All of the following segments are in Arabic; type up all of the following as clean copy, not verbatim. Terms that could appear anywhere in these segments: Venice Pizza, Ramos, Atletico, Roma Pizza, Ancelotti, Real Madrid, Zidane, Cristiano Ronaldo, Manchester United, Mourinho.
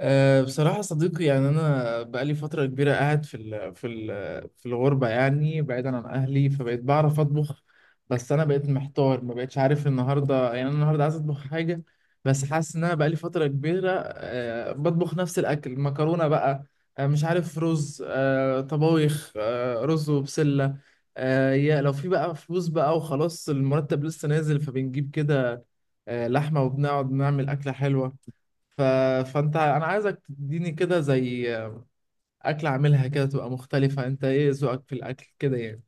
بصراحة صديقي، يعني أنا بقالي فترة كبيرة قاعد في الغربة، يعني بعيدا عن أهلي فبقيت بعرف أطبخ. بس أنا بقيت محتار، ما بقتش عارف. النهاردة يعني أنا النهاردة عايز أطبخ حاجة، بس حاسس إن أنا بقالي فترة كبيرة بطبخ نفس الأكل، مكرونة بقى، مش عارف، رز، طبايخ، رز وبسلة. يا لو في بقى فلوس بقى، وخلاص المرتب لسه نازل فبنجيب كده لحمة وبنقعد نعمل أكلة حلوة. ف... فانت انا عايزك تديني كده زي اكل، اعملها كده تبقى مختلفة. انت ايه ذوقك في الاكل كده يعني؟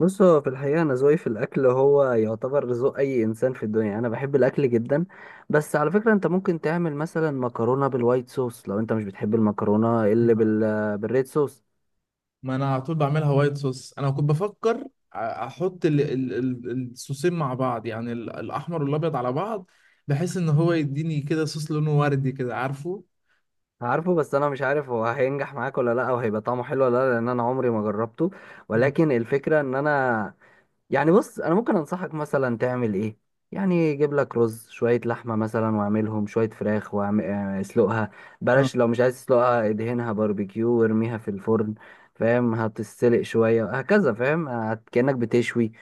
بص، هو في الحقيقة أنا ذوقي في الأكل هو يعتبر ذوق أي إنسان في الدنيا. أنا بحب الأكل جدا. بس على فكرة أنت ممكن تعمل مثلا مكرونة بالوايت صوص لو أنت مش بتحب المكرونة اللي بال بالريد صوص. ما انا على طول بعملها وايت صوص. انا كنت بفكر احط الصوصين مع بعض، يعني الاحمر والابيض على بعض، بحيث ان هو يديني كده صوص لونه وردي كده، عارفه. عارفه، بس أنا مش عارف هو هينجح معاك ولا لأ، أو هيبقى طعمه حلو ولا لأ، لأن أنا عمري ما جربته. مم. ولكن الفكرة إن أنا يعني، بص انا ممكن انصحك مثلا تعمل ايه. يعني جيب لك رز، شويه لحمه مثلا، واعملهم شويه فراخ واسلقها. اه، بلاش، لو مش عايز تسلقها ادهنها باربيكيو وارميها في الفرن. فاهم؟ هتتسلق شويه هكذا. فاهم؟ كانك بتشوي.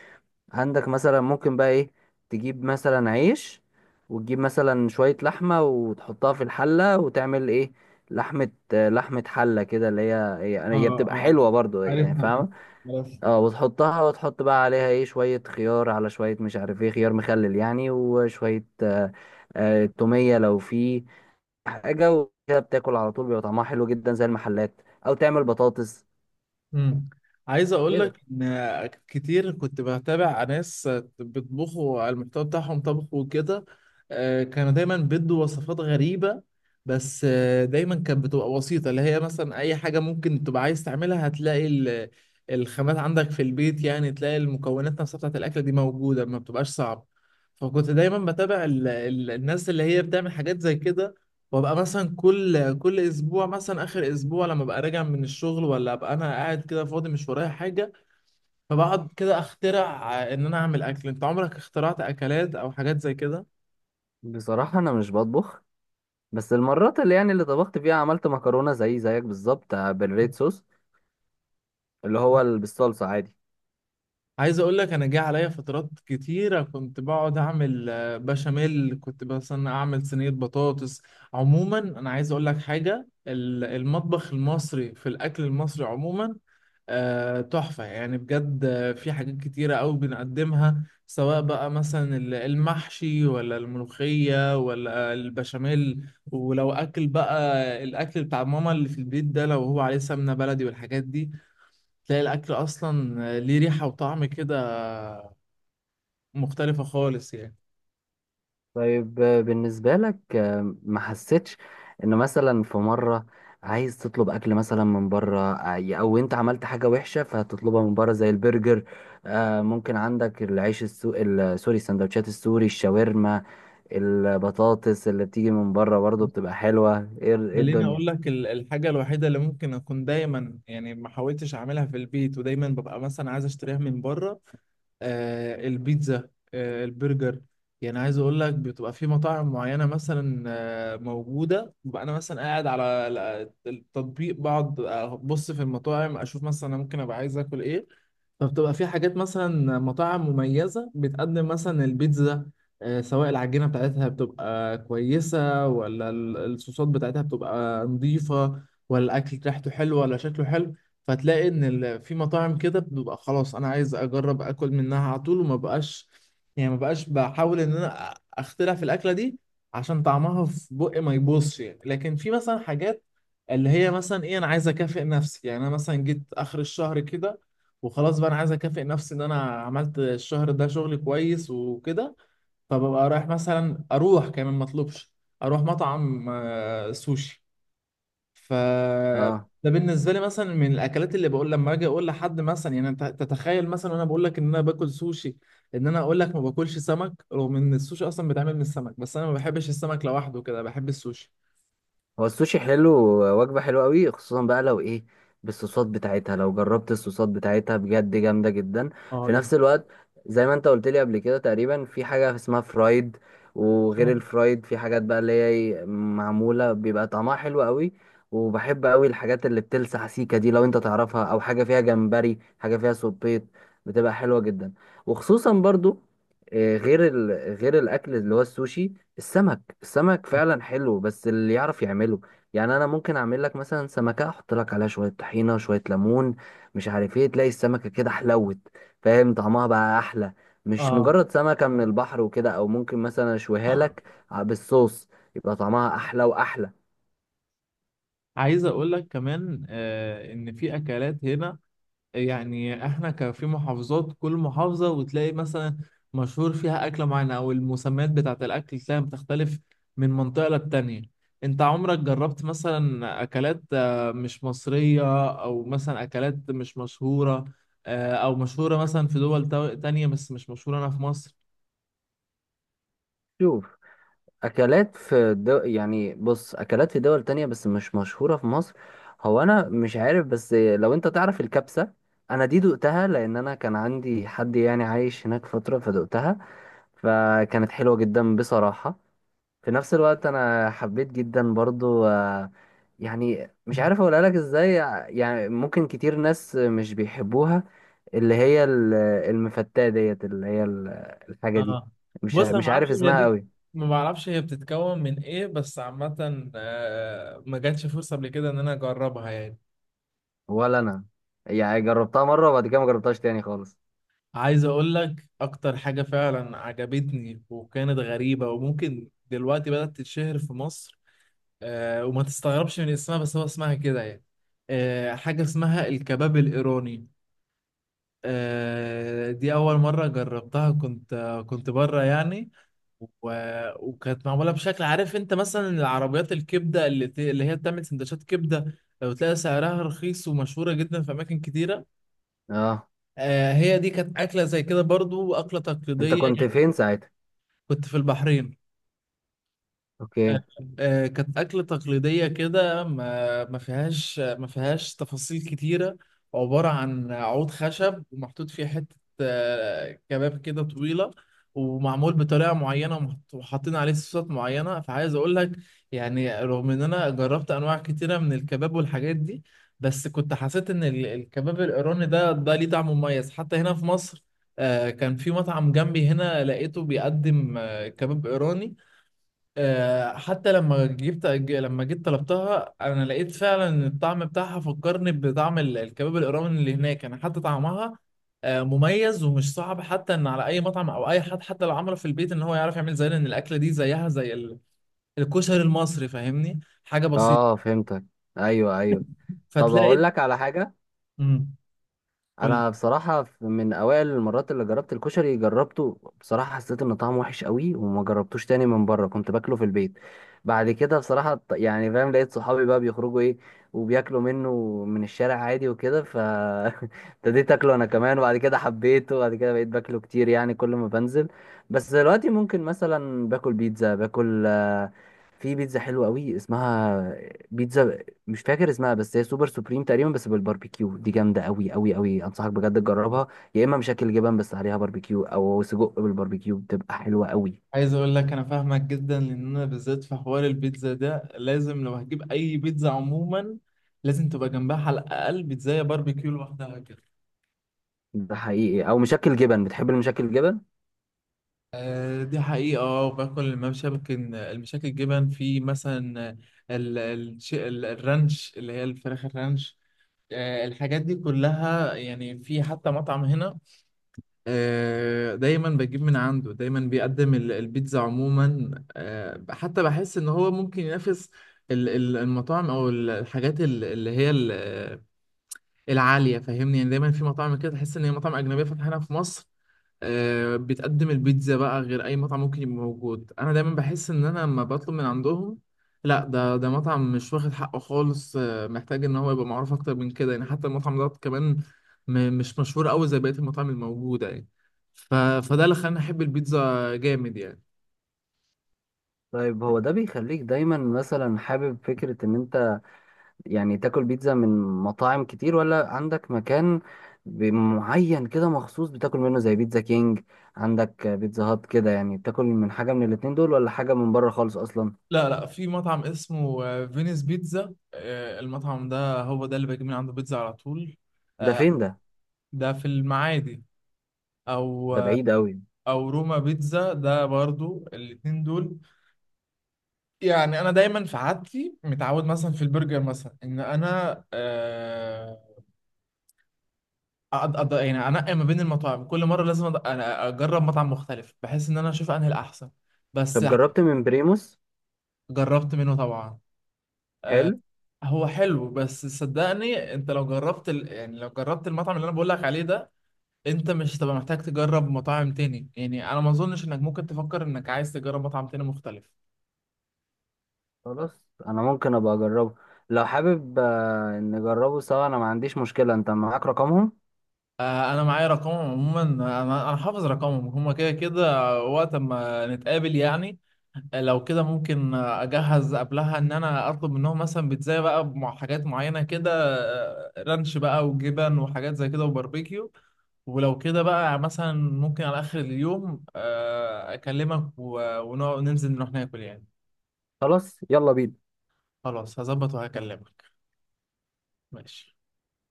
عندك مثلا ممكن بقى ايه، تجيب مثلا عيش، وتجيب مثلا شويه لحمه وتحطها في الحله وتعمل ايه، لحمه. لحمه حله كده، اللي هي هي اه، هي بتبقى اه، حلوه برضو، يعني عارفها دي، فاهم. عارفها. اه، وتحطها وتحط بقى عليها ايه، شوية خيار، على شوية مش عارف ايه، خيار مخلل يعني، وشوية تومية لو في حاجة، وكده بتاكل على طول بيبقى طعمها حلو جدا زي المحلات. او تعمل بطاطس مم. عايز اقول كده. لك ان كتير كنت بتابع ناس بيطبخوا على المحتوى بتاعهم، طبخ وكده. كانوا دايما بيدوا وصفات غريبة، بس دايما كانت بتبقى بسيطة، اللي هي مثلا اي حاجة ممكن تبقى عايز تعملها هتلاقي الخامات عندك في البيت، يعني تلاقي المكونات نفسها بتاعت الاكلة دي موجودة، ما بتبقاش صعبة. فكنت دايما بتابع الناس اللي هي بتعمل حاجات زي كده، وابقى مثلا كل اسبوع، مثلا اخر اسبوع، لما ابقى راجع من الشغل ولا ابقى انا قاعد كده فاضي مش ورايا حاجه، فبقعد كده اخترع ان انا اعمل اكل. انت عمرك اخترعت اكلات او حاجات زي كده؟ بصراحة انا مش بطبخ، بس المرات اللي يعني اللي طبخت فيها عملت مكرونة زي زيك بالظبط، بالريد صوص، اللي هو بالصلصة عادي. عايز اقول لك، انا جه عليا فترات كتيره كنت بقعد اعمل بشاميل، كنت مثلا اعمل صينيه بطاطس. عموما انا عايز اقول لك حاجه، المطبخ المصري في الاكل المصري عموما تحفة يعني بجد. في حاجات كتيرة أوي بنقدمها، سواء بقى مثلا المحشي ولا الملوخية ولا البشاميل، ولو أكل بقى الأكل بتاع ماما اللي في البيت ده، لو هو عليه سمنة بلدي والحاجات دي، تلاقي الأكل أصلا ليه ريحة وطعم كده مختلفة خالص يعني. طيب، بالنسبة لك ما حسيتش ان مثلا في مرة عايز تطلب اكل مثلا من بره، او انت عملت حاجة وحشة فهتطلبها من بره زي البرجر. آه، ممكن عندك العيش سوري، السندوتشات السوري، الشاورما، البطاطس اللي بتيجي من بره برضه بتبقى حلوة. ايه إيه خليني الدنيا. اقول لك الحاجه الوحيده اللي ممكن اكون دايما يعني ما حاولتش اعملها في البيت، ودايما ببقى مثلا عايز اشتريها من بره، البيتزا، البرجر. يعني عايز اقول لك بتبقى في مطاعم معينه مثلا موجوده، ببقى انا مثلا قاعد على التطبيق، بقعد ابص في المطاعم، اشوف مثلا انا ممكن ابقى عايز اكل ايه. طب تبقى في حاجات مثلا مطاعم مميزة بتقدم مثلا البيتزا، سواء العجينة بتاعتها بتبقى كويسة ولا الصوصات بتاعتها بتبقى نظيفة ولا الأكل ريحته حلوة ولا شكله حلو. فتلاقي إن في مطاعم كده بتبقى، خلاص أنا عايز أجرب أكل منها على طول، وما بقاش يعني ما بقاش بحاول إن أنا أخترع في الأكلة دي، عشان طعمها في بقي ما يبوظش يعني. لكن في مثلا حاجات اللي هي مثلا إيه، أنا عايز أكافئ نفسي، يعني أنا مثلا جيت آخر الشهر كده وخلاص، بقى انا عايز اكافئ نفسي ان انا عملت الشهر ده شغل كويس وكده، فببقى رايح مثلا، اروح كمان ما اطلبش، اروح مطعم سوشي. ف آه. ده بالنسبه لي مثلا من الاكلات، اللي بقول لما اجي اقول لحد مثلا، يعني انت تتخيل مثلا وانا بقول لك ان انا باكل سوشي، ان انا اقول لك ما باكلش سمك، رغم ان السوشي اصلا بيتعمل من السمك، بس انا ما بحبش السمك لوحده كده، بحب السوشي. هو السوشي حلو، وجبة حلوة قوي، خصوصا بقى لو ايه، بالصوصات بتاعتها. لو جربت الصوصات بتاعتها بجد جامدة جدا. اه، في دي حاجة. نفس الوقت، زي ما انت قلت لي قبل كده، تقريبا في حاجة اسمها فرايد. وغير اه. الفرايد في حاجات بقى اللي هي إيه، معمولة بيبقى طعمها حلو قوي. وبحب قوي الحاجات اللي بتلسع، سيكا دي لو انت تعرفها، او حاجة فيها جمبري، حاجة فيها سبيط، بتبقى حلوة جدا. وخصوصا برضو، آه، غير ال... غير الاكل اللي هو السوشي، السمك. السمك فعلا حلو بس اللي يعرف يعمله. يعني انا ممكن اعمل لك مثلا سمكه، احط لك عليها شويه طحينه، شويه ليمون، مش عارف ايه، تلاقي السمكه كده حلوت. فاهم؟ طعمها بقى احلى، مش اه. مجرد سمكه من البحر وكده. او ممكن مثلا اشويها لك بالصوص، يبقى طعمها احلى واحلى. عايز اقول لك كمان ان في اكلات هنا، يعني احنا كان في محافظات، كل محافظة وتلاقي مثلا مشهور فيها أكلة معينة، أو المسميات بتاعة الأكل تلاقيها بتختلف من منطقة للتانية. أنت عمرك جربت مثلا أكلات مش مصرية، أو مثلا أكلات مش مشهورة، أو مشهورة مثلا في تانية بس مش مشهورة هنا في مصر؟ شوف، اكلات في دو... يعني بص، اكلات في دول تانية بس مش مشهوره في مصر، هو انا مش عارف، بس لو انت تعرف الكبسه، انا دي دقتها لان انا كان عندي حد يعني عايش هناك فتره فدقتها، فكانت حلوة جدا بصراحة. في نفس الوقت أنا حبيت جدا برضو، آه، يعني مش عارف أقولها لك إزاي، يعني ممكن كتير ناس مش بيحبوها، اللي هي المفتاة ديت، اللي هي الحاجة دي. اه. بص انا ما مش اعرفش عارف هي اسمها دي، قوي. ما بعرفش هي بتتكون من إيه، بس عامة ما جاتش فرصة قبل كده إن أنا أجربها يعني. ولا أنا، يعني جربتها مرة وبعد كده ما جربتهاش تاني خالص. عايز اقول لك اكتر حاجة فعلا عجبتني وكانت غريبة، وممكن دلوقتي بدأت تتشهر في مصر. وما تستغربش من اسمها، بس هو اسمها كده يعني، حاجة اسمها الكباب الإيراني. دي أول مرة جربتها، كنت كنت بره يعني. و... وكانت معمولة بشكل، عارف أنت مثلا العربيات الكبدة اللي هي بتعمل سندوتشات كبدة، لو تلاقي سعرها رخيص ومشهورة جدا في أماكن كتيرة؟ اه. هي دي كانت أكلة زي كده برضو، أكلة انت تقليدية. كنت فين ساعتها؟ كنت في البحرين. آه، اوكي. كانت أكلة تقليدية كده، ما فيهاش تفاصيل كتيرة، عبارة عن عود خشب ومحطوط فيه حتة كباب كده طويلة، ومعمول بطريقة معينة، وحاطين عليه صوصات معينة. فعايز أقول لك، يعني رغم إن أنا جربت أنواع كتيرة من الكباب والحاجات دي، بس كنت حسيت إن الكباب الإيراني ده ليه طعم مميز، حتى هنا في مصر. كان في مطعم جنبي هنا لقيته بيقدم كباب إيراني. حتى لما جيت طلبتها، انا لقيت فعلا ان الطعم بتاعها فكرني بطعم الكباب الايراني اللي هناك. انا حتى طعمها مميز، ومش صعب حتى ان على اي مطعم او اي حد حتى لو عمله في البيت ان هو يعرف يعمل، زي ان الاكله دي زيها زي الكشري المصري، فاهمني، حاجه بسيطه. اه، فهمتك. ايوه ايوه. طب فتلاقي. اقول لك على حاجة. امم. قول. انا بصراحه من اوائل المرات اللي جربت الكشري جربته، بصراحه حسيت ان طعمه وحش قوي وما جربتوش تاني من بره، كنت باكله في البيت. بعد كده بصراحه يعني فاهم، لقيت صحابي بقى بيخرجوا ايه وبياكلوا منه من الشارع عادي وكده، ف ابتديت اكله انا كمان، وبعد كده حبيته، وبعد كده بقيت باكله كتير يعني كل ما بنزل. بس دلوقتي ممكن مثلا باكل بيتزا، باكل في بيتزا حلوه قوي اسمها بيتزا، مش فاكر اسمها، بس هي سوبر سوبريم تقريبا بس بالباربيكيو، دي جامده قوي قوي قوي، انصحك بجد تجربها. يا اما مشكل جبن بس عليها باربيكيو، او سجق بالباربيكيو، بتبقى حلوه قوي. عايز اقول لك انا فاهمك جدا، لان انا بالذات في حوار البيتزا ده، لازم لو هجيب اي بيتزا عموما، لازم تبقى جنبها على الاقل بيتزا باربيكيو لوحدها كده. ده حقيقي، او مشكل جبن، بتحب المشكل جبن؟ دي حقيقة. اه، باكل المشاكل الجبن، في مثلا الرانش، اللي هي الفراخ الرانش، الحاجات دي كلها. يعني في حتى مطعم هنا دايما بجيب من عنده، دايما بيقدم البيتزا عموما، حتى بحس ان هو ممكن ينافس المطاعم، او الحاجات اللي هي العالية، فاهمني يعني، دايما في مطاعم كده تحس ان هي مطاعم أجنبية فاتحة هنا في مصر، بتقدم البيتزا بقى غير اي مطعم ممكن يبقى موجود. انا دايما بحس ان انا لما بطلب من عندهم، لا، ده مطعم مش واخد حقه خالص، محتاج ان هو يبقى معروف اكتر من كده يعني. حتى المطعم ده كمان مش مشهور قوي زي بقية المطاعم الموجودة يعني، فده اللي خلاني احب البيتزا جامد يعني. طيب، هو ده بيخليك دايما مثلا حابب فكره ان انت يعني تاكل بيتزا من مطاعم كتير، ولا عندك مكان معين كده مخصوص بتاكل منه زي بيتزا كينج، عندك بيتزا هات كده، يعني بتاكل من حاجه من الاتنين دول ولا حاجه من بره خالص اصلا؟ لا، لا، في مطعم اسمه فينيس بيتزا. المطعم ده هو ده اللي بجيب من عنده بيتزا على طول. ده آه، فين ده؟ ده في المعادي، او ده بعيد قوي. روما بيتزا، ده برضو الاتنين دول. يعني انا دايما في عادتي متعود مثلا في البرجر مثلا، ان انا يعني انقي ما بين المطاعم، كل مره لازم أنا اجرب مطعم مختلف، بحيث ان انا اشوف انهي الاحسن. بس. طب جربت من بريموس؟ جربت منه طبعا. آه، حلو. هو حلو، بس صدقني انت لو جربت يعني لو جربت المطعم اللي انا بقول لك عليه ده، انت مش هتبقى محتاج تجرب مطاعم تاني يعني. انا ما اظنش انك ممكن تفكر انك عايز تجرب مطعم تاني مختلف. خلاص، انا ممكن ابقى اجربه. لو حابب، آه، نجربه سوا، انا ما عنديش مشكلة. انت معاك رقمهم؟ انا معايا رقمهم عموما، انا حافظ رقمهم هما كده كده، وقت ما نتقابل يعني. لو كده ممكن اجهز قبلها ان انا اطلب منهم مثلا بيتزا بقى مع حاجات معينه كده، رانش بقى وجبن وحاجات زي كده وباربيكيو. ولو كده بقى مثلا، ممكن على اخر اليوم اكلمك، ونقعد ننزل نروح ناكل يعني. خلاص يلا بينا. خلاص هظبط وهكلمك. ماشي.